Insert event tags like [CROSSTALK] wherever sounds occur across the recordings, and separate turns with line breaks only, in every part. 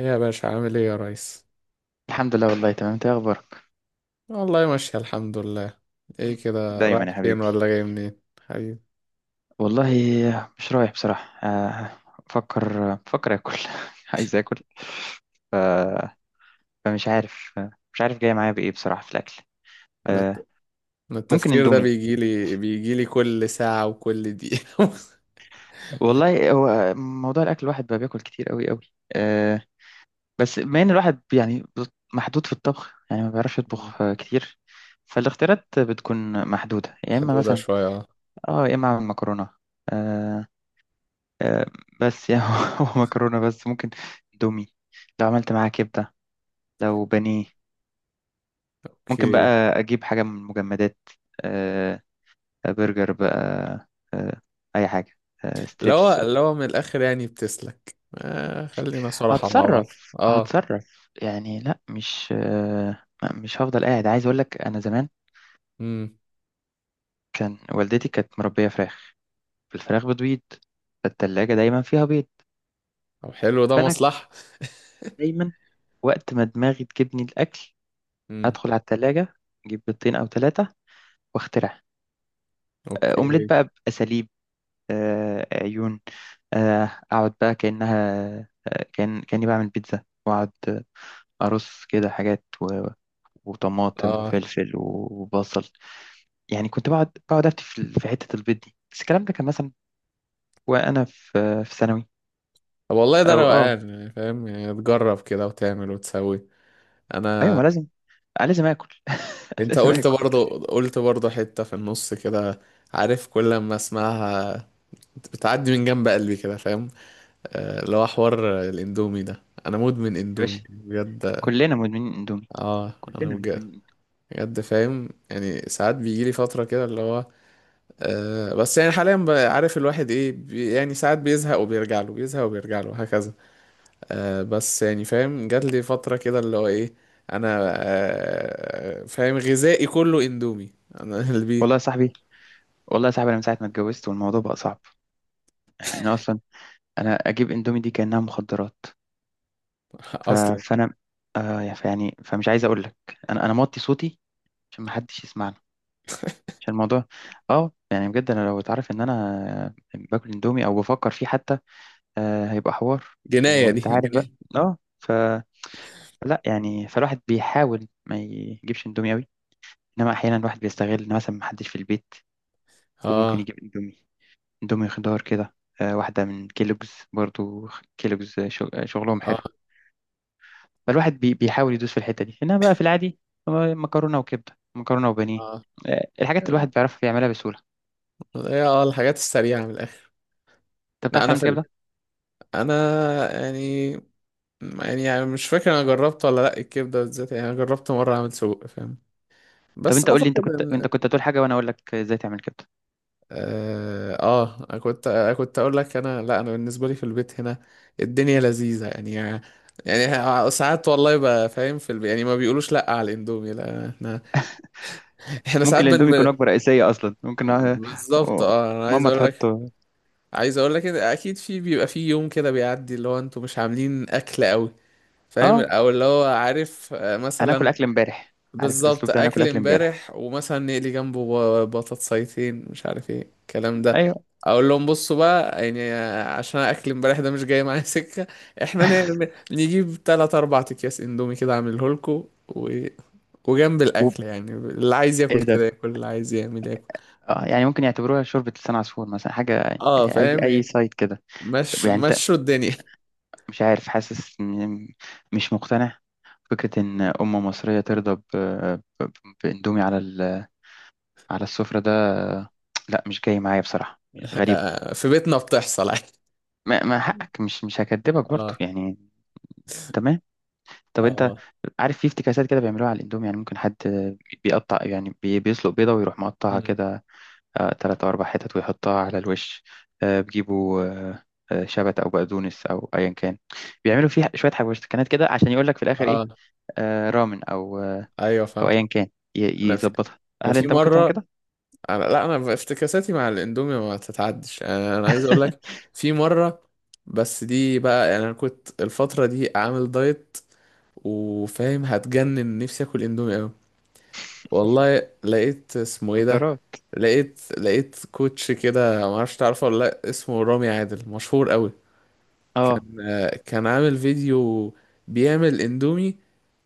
إيه يا باشا، عامل ايه يا ريس؟
الحمد لله، والله تمام. انت ايه اخبارك؟
والله ماشي الحمد لله. ايه كده،
دايما يا
رايح فين
حبيبي.
ولا جاي منين حبيبي؟
والله مش رايح بصراحة. بفكر اكل [LAUGHS] عايز اكل. ف- فمش عارف. مش عارف جاي معايا بايه بصراحة في الاكل.
انا
آه،
الت- أنا
ممكن
التفكير ده
اندومي.
بيجي لي كل ساعة وكل دقيقة.
والله هو موضوع الاكل الواحد بقى بياكل كتير قوي قوي. آه، بس بما ان الواحد يعني محدود في الطبخ، يعني ما بيعرفش يطبخ
[LAUGHS]
كتير. فالاختيارات بتكون محدودة، يا اما
محدودة
مثلا
شوية، اه.
اه، يا اما اعمل مكرونة. آه، بس يعني [LAUGHS] هو مكرونة بس ممكن دومي لو عملت معاها كبدة، لو بانيه. ممكن
اوكي.
بقى أجيب حاجة من المجمدات، آه، برجر بقى، آه، أي حاجة، آه،
لو
ستريبس.
لو من الاخر يعني بتسلك، آه خلينا صراحة مع بعض.
هتصرف،
اه.
هتصرف يعني. لا، مش آه لا، مش هفضل قاعد. عايز أقول لك أنا زمان
امم
كان والدتي كانت مربية فراخ، الفراخ بتبيض، فالتلاجة دايما فيها بيض.
طب حلو ده
فأنا كنت
مصلحة. [LAUGHS]
دايما وقت ما دماغي تجيبني الأكل
امم
أدخل على التلاجة أجيب بيضتين أو ثلاثة واخترع أومليت
اوكي.
بقى بأساليب، عيون، آه، أقعد بقى كأنها، كأني بعمل بيتزا، وأقعد، أرص كده حاجات وطماطم
اه.
وفلفل وبصل. يعني كنت بقعد أفتي في حتة البيض دي، بس الكلام ده كان مثلا وأنا في ثانوي.
طب والله ده
أو أه،
روقان، يعني فاهم يعني تجرب كده وتعمل وتسوي.
أيوة
انا
ما لازم، لازم آكل [LAUGHS]
انت
لازم
قلت
آكل.
برضو، حتة في النص كده، عارف كل ما اسمعها بتعدي من جنب قلبي كده، فاهم آه، اللي هو حوار الاندومي ده، انا مدمن
يا
اندومي
باشا،
بجد.
كلنا مدمنين اندومي.
اه انا
كلنا
بجد.
مدمنين إندومي.
بجد فاهم يعني ساعات بيجيلي فترة كده اللي هو آه، بس يعني حاليا بقى عارف الواحد ايه بي، يعني ساعات بيزهق وبيرجع له، بيزهق وبيرجع له، هكذا. آه بس يعني فاهم، جات لي فترة كده اللي هو ايه، انا آه فاهم غذائي كله اندومي. انا [LAUGHS] اللي بي.
والله يا صاحبي، والله يا صاحبي انا من ساعه ما اتجوزت والموضوع بقى صعب. يعني انا اصلا، انا اجيب اندومي دي كانها مخدرات. ف...
اصلا
فانا، فمش عايز اقول لك، انا موطي صوتي عشان ما حدش يسمعنا، عشان الموضوع اه، يعني بجد انا لو اتعرف ان انا باكل اندومي او بفكر فيه حتى هيبقى حوار.
جناية دي
وانت
[LAUGHS]
عارف بقى.
جناية.
اه ف لا يعني، فالواحد بيحاول ما يجيبش اندومي قوي، انما احيانا الواحد بيستغل ان مثلا ما حدش في البيت وممكن
اه.
يجيب اندومي، اندومي خضار كده، آه، واحده من كيلوجز برضو. كيلوجز شغلهم
اه.
حلو. فالواحد بيحاول يدوس في الحتة دي، إنما بقى في العادي هو مكرونة وكبدة، مكرونة وبانيه.
اه.
الحاجات اللي الواحد بيعرف يعملها بسهولة.
هي اه الحاجات السريعة من الآخر.
أنت
لا
بتعرف
أنا
تعمل
فيلم.
كبدة؟
أنا يعني، مش فاكر أنا جربت ولا لأ الكبدة بالذات، يعني أنا جربت مرة أعمل سجق، فاهم؟
طب
بس
أنت قول لي، أنت
أعتقد
كنت، أنت
إن
كنت هتقول حاجة وأنا أقول لك إزاي تعمل كبدة.
آه, آه كنت أقول لك، أنا لأ، أنا بالنسبة لي في البيت هنا الدنيا لذيذة يعني. يعني ساعات والله بقى فاهم في البيت يعني ما بيقولوش لأ على الإندومي، لأ، إحنا ساعات
ممكن الاندومي يكون وجبة رئيسية أصلا، ممكن. آه،
بالظبط
آه،
اه انا عايز
ماما
اقول لك،
تحطه.
عايز اقول لك إن اكيد في بيبقى في يوم كده بيعدي اللي هو انتوا مش عاملين اكل قوي، فاهم؟
آه،
او اللي هو عارف آه،
هناكل
مثلا
أكل امبارح. عارف
بالظبط
الأسلوب ده، هناكل
اكل
أكل امبارح.
امبارح، ومثلا نقلي جنبه بطاطسيتين مش عارف ايه الكلام ده،
أيوه.
اقول لهم بصوا بقى يعني آه، عشان اكل امبارح ده مش جاي معايا [LAUGHS] سكه. احنا نعمل نجيب تلات اربع اكياس اندومي كده اعمله لكم و... وجنب
و-
الاكل يعني، اللي عايز ياكل
إيه ده.
كده ياكل، اللي عايز يعمل ياكل.
آه، يعني ممكن يعتبروها شوربة لسان عصفور مثلا، حاجة،
اه
أي أي
فاهم.
سايد كده. طب
مشوا
يعني أنت،
مشوا الدنيا.
مش عارف، مش مقتنع فكرة إن أم مصرية ترضى بإندومي على على السفرة ده. لا، مش جاي معايا بصراحة، يعني غريبة.
آه، في بيتنا بتحصل [LAUGHS] عادي.
ما حقك، مش هكدبك برضو
اه.
يعني. تمام. طب أنت
اه.
عارف في افتكاسات كده بيعملوها على الإندومي؟ يعني ممكن حد بيقطع، يعني بيسلق بيضة ويروح مقطعها
مم.
كده، تلات أو أربع حتت، ويحطها على الوش. بيجيبوا، شبت أو بقدونس أو أيا كان. بيعملوا فيها شوية حبشتكنات كده عشان يقول لك في الآخر إيه،
اه.
رامن أو
ايوه
او
فاهم.
ايا كان.
انا في
يظبطها.
انا
هل
في
انت ممكن تعمل
مره،
كده؟
انا لا، انا بافتكاساتي مع الاندومي ما تتعدش، انا أنا عايز اقول لك
[LAUGHS]
في مره، بس دي بقى يعني انا كنت الفتره دي عامل دايت، وفاهم هتجنن نفسي اكل اندومي قوي، والله لقيت اسمه ايه ده،
مخدرات.
لقيت كوتش كده، ما اعرفش تعرفه ولا لا، اسمه رامي عادل مشهور قوي،
اه،
كان عامل فيديو بيعمل اندومي،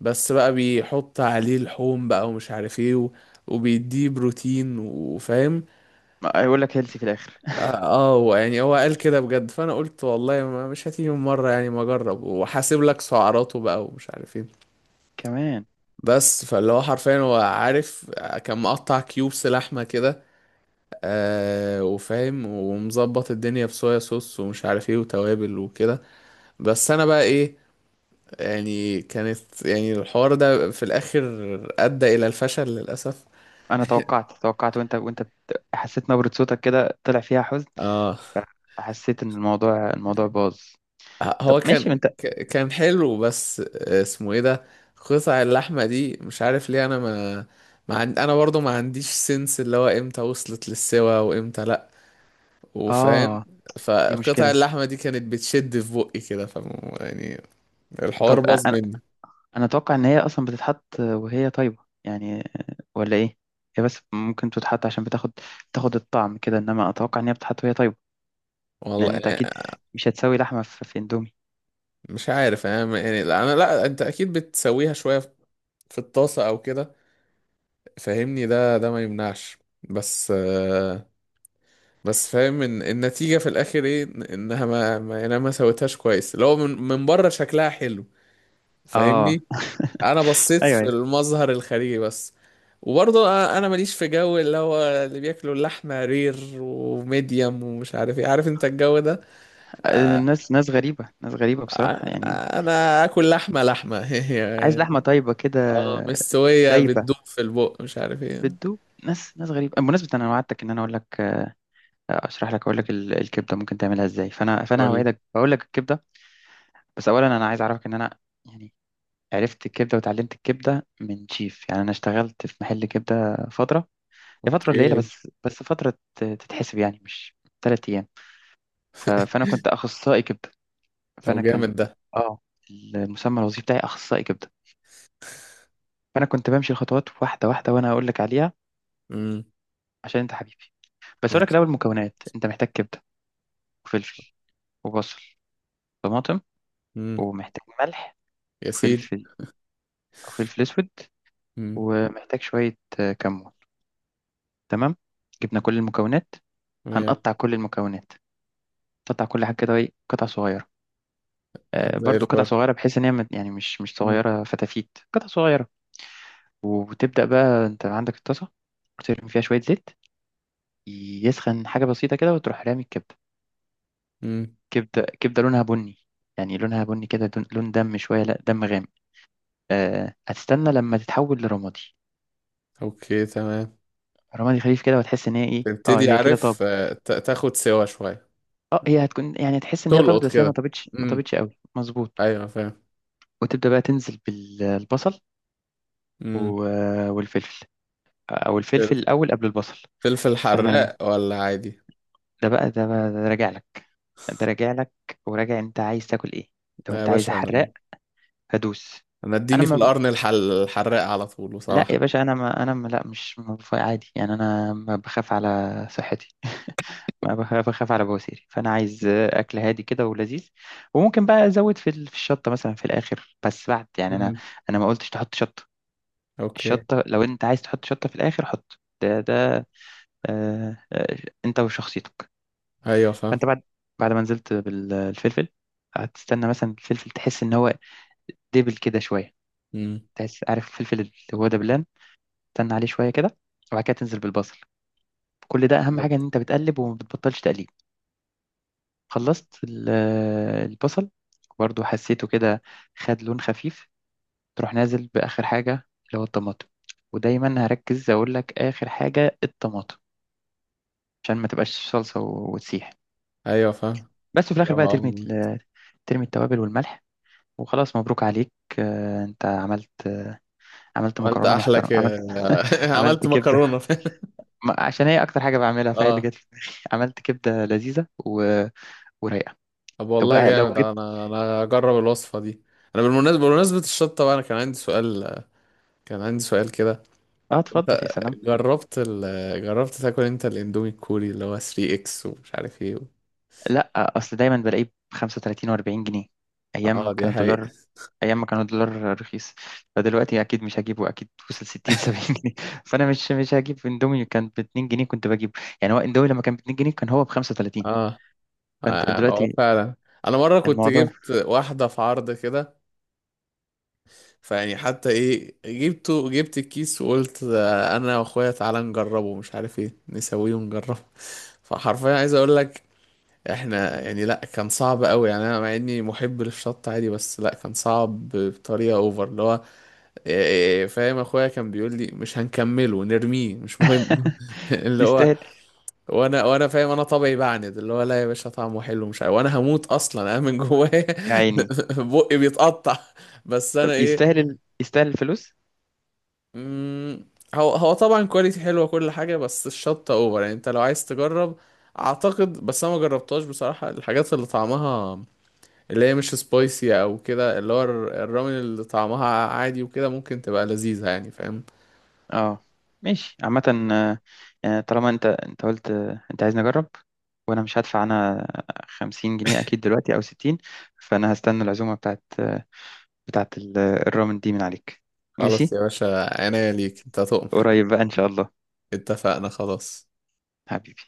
بس بقى بيحط عليه لحوم بقى ومش عارف ايه و... وبيديه بروتين، وفاهم
ما هيقول لك هيلثي في الاخر
اه آه، يعني هو قال كده بجد، فانا قلت والله ما مش هتيجي من مره يعني، ما اجرب وحاسب لك سعراته بقى، ومش عارف ايه.
كمان.
بس فاللي هو حرفيا هو عارف آه، كان مقطع كيوبس لحمه كده، آه وفاهم ومظبط الدنيا بصويا صوص ومش عارف ايه وتوابل وكده. بس انا بقى ايه، يعني كانت يعني الحوار ده في الاخر ادى الى الفشل للاسف.
انا توقعت، توقعت وانت، حسيت نبرة صوتك كده طلع فيها حزن.
اه
ف- فحسيت ان الموضوع، الموضوع باظ. طب
هو
ماشي ما
كان
انت.
كان حلو بس آه، اسمه ايه ده، قطع اللحمة دي مش عارف ليه، انا برضو ما عنديش سنس اللي هو امتى وصلت للسوا وامتى لا، وفاهم
اه دي
فقطع
مشكلة.
اللحمة دي كانت بتشد في بقي كده، ف يعني الحوار باظ
انا،
مني.
انا اتوقع ان هي اصلا بتتحط وهي طيبة. يعني، ولا ايه؟ هي بس ممكن تتحط عشان بتاخد، بتاخد الطعم كده، انما اتوقع ان هي بتتحط وهي طيبة.
والله
لان انت
يعني
اكيد مش هتسوي لحمة في اندومي.
مش عارف انا يعني، لا انا، لا انت اكيد بتسويها شوية في الطاسة او كده، فاهمني؟ ده ما يمنعش، بس آه، بس فاهم ان النتيجة في الاخر ايه، إن- انها ما يعني انا ما سويتهاش كويس، لو من بره شكلها حلو،
اه،
فاهمني؟ انا بصيت في
ايوه.
المظهر الخارجي بس، وبرضه انا ماليش في جو اللي هو اللي بياكلوا اللحمة رير وميديم ومش عارف ايه، عارف انت الجو ده؟
الناس ناس غريبة، ناس غريبة بصراحة
ع-
يعني.
انا اكل لحمة، لحمة [LAUGHS]
عايز
يعني.
لحمة طيبة كده.
اه مستوية،
دايبة،
بتدوب في البق مش عارف ايه.
بتدوب. ناس ناس غريبة. بمناسبة أنا وعدتك إن أنا أقول لك، أشرح لك، أقول لك الكبدة ممكن تعملها إزاي. فأنا
قول لي.
هوعدك بقول لك الكبدة. بس أولا أنا عايز أعرفك إن أنا يعني عرفت الكبدة وتعلمت الكبدة من شيف. يعني أنا اشتغلت في محل كبدة فترة، هي فترة قليلة
اوكي.
بس، تتحسب يعني، مش 3 أيام. فأنا كنت أخصائي كبدة. فأنا
طب
كان،
جامد ده.
آه، المسمى الوظيفي بتاعي أخصائي كبدة. فانا كنت بمشي الخطوات واحده واحده وانا هقول لك عليها
امم
عشان انت حبيبي. بس اقول لك
ماشي.
الاول المكونات، انت محتاج كبده وفلفل وبصل، طماطم،
امم
ومحتاج ملح
يا سيدي.
وفلفل، وفلفل اسود،
امم
ومحتاج شويه كمون. تمام؟ جبنا كل المكونات، هنقطع كل المكونات. تقطع كل حاجه كده، ايه، قطع صغيره،
زي
برضو قطع
الفل.
صغيره، بحيث ان هي مش
مم.
صغيره فتافيت، قطع صغيره. وتبدا بقى، انت عندك الطاسه وترمي فيها شويه زيت، يسخن حاجه بسيطه كده، وتروح رامي الكبده.
مم.
كبدة، كبدة لونها بني، يعني لونها بني كده، لون دم شوية، لا، دم غامق. آه، هتستنى لما تتحول لرمادي،
اوكي تمام.
رمادي خفيف كده، وتحس ان هي ايه، اه
تبتدي
هي كده
عارف
طابت.
آه، تاخد سوا شوية،
اه، هي هتكون يعني، تحس ان هي طابت
تلقط
بس هي
كده.
ما طابتش، ما
امم
طابتش قوي، مظبوط.
ايوه فاهم.
وتبدأ بقى تنزل بالبصل
امم
والفلفل، او الفلفل الاول قبل البصل.
فلفل
تستنى لما،
حراق ولا عادي؟
ده بقى، ده بقى ده راجع لك، ده راجع لك وراجع انت عايز تاكل ايه. لو
لا يا
انت عايز
باشا، انا
حراق هدوس.
انا
انا
اديني في القرن الحراق على طول
لا يا
بصراحة.
باشا، انا ما انا ما لا مش ما بف- عادي يعني، انا ما بخاف على صحتي [LAUGHS] ما بخ- بخاف على بواسيري. فانا عايز اكل هادي كده ولذيذ، وممكن بقى ازود في في الشطه مثلا في الاخر، بس بعد، يعني انا،
امم
انا ما قلتش تحط شطه.
اوكي.
الشطه لو انت عايز تحط شطه في الاخر حط، ده ده، آه آه، انت وشخصيتك.
ايوه فاهم.
فانت بعد، بعد ما نزلت بالفلفل، هتستنى مثلا الفلفل، تحس ان هو دبل كده شويه،
امم
تحس، عارف الفلفل اللي هو دبلان، تستنى عليه شويه كده، وبعد كده تنزل بالبصل. كل ده، اهم حاجه ان انت بتقلب وما بتبطلش تقليب. خلصت البصل، برضو حسيته كده، خد لون خفيف، تروح نازل باخر حاجه اللي هو الطماطم. ودايما هركز اقول لك اخر حاجه الطماطم، عشان ما تبقاش صلصه وتسيح.
ايوه فاهم.
بس في الاخر بقى
لو
ترمي
عم-
ترمي التوابل والملح، وخلاص مبروك عليك، انت عملت، عملت
عملت
مكرونه
احلى
محترمه، عملت [LAUGHS]
[LAUGHS]
عملت
عملت
كبده.
مكرونة [LAUGHS]
عشان هي اكتر حاجه بعملها، فهي اللي
اه.
جت في دماغي. عملت كبده لذيذه ورايقه.
طب
لو
والله
بقى لو
جامد،
جيت.
انا انا هجرب الوصفة دي. انا بالمناسبة، بمناسبة الشطة بقى، انا كان عندي سؤال، كان عندي سؤال كده،
اه اتفضل،
انت
يا سلام.
جربت جربت تاكل انت الاندومي الكوري اللي هو 3 اكس ومش عارف ايه و...
لا، اصل دايما بلاقيه ب 35 و40 جنيه ايام
اه دي
كان الدولار،
حقيقة.
ايام ما كان الدولار رخيص. فدلوقتي اكيد مش هجيبه، اكيد وصل 60 70
[LAUGHS]
جنيه [LAUGHS] فانا مش مش هجيب اندومي كان ب 2 جنيه كنت بجيبه. يعني هو اندومي لما كان ب 2 جنيه كان هو ب 35.
اه.
فانت
اه
دلوقتي
فعلا. انا مرة كنت
الموضوع
جبت واحدة في عرض كده، فيعني حتى ايه جبته، جبت الكيس وقلت اه، انا واخويا تعالى نجربه مش عارف ايه نسويه ونجربه. [LAUGHS] فحرفيا عايز اقول لك، احنا يعني لا، كان صعب قوي، يعني انا مع اني محب للشط عادي، بس لا كان صعب بطريقة اوفر اللي هو إيه، إيه، إيه، فاهم؟ اخويا كان بيقول لي مش هنكمله نرميه مش مهم. [LAUGHS]
[LAUGHS]
اللي هو
يستاهل.
وانا فاهم انا طبعي بعند، اللي هو لا يا باشا طعمه حلو مش عارف، وانا هموت اصلا انا من جوايا. [LAUGHS]
يا عيني.
بقي بيتقطع. بس انا
طب
ايه،
يستاهل يستاهل الفلوس.
مم، هو طبعا كواليتي حلوه كل حاجه، بس الشطه اوفر يعني، انت لو عايز تجرب اعتقد، بس انا ما جربتهاش بصراحه. الحاجات اللي طعمها، اللي هي مش سبايسي او كده، اللي هو الرامن اللي طعمها عادي وكده، ممكن تبقى لذيذه يعني، فاهم؟
اه ماشي، عامة، آه، يعني طالما انت، انت قلت، انت عايزني اجرب، وانا مش هدفع انا 50 جنيه اكيد دلوقتي او 60، فانا هستنى العزومة بتاعت، بتاعت الرامن دي من عليك.
خلاص
ماشي،
يا باشا، عناية ليك، انت تؤمر.
قريب بقى ان شاء الله.
[LAUGHS] اتفقنا خلاص.
حبيبي.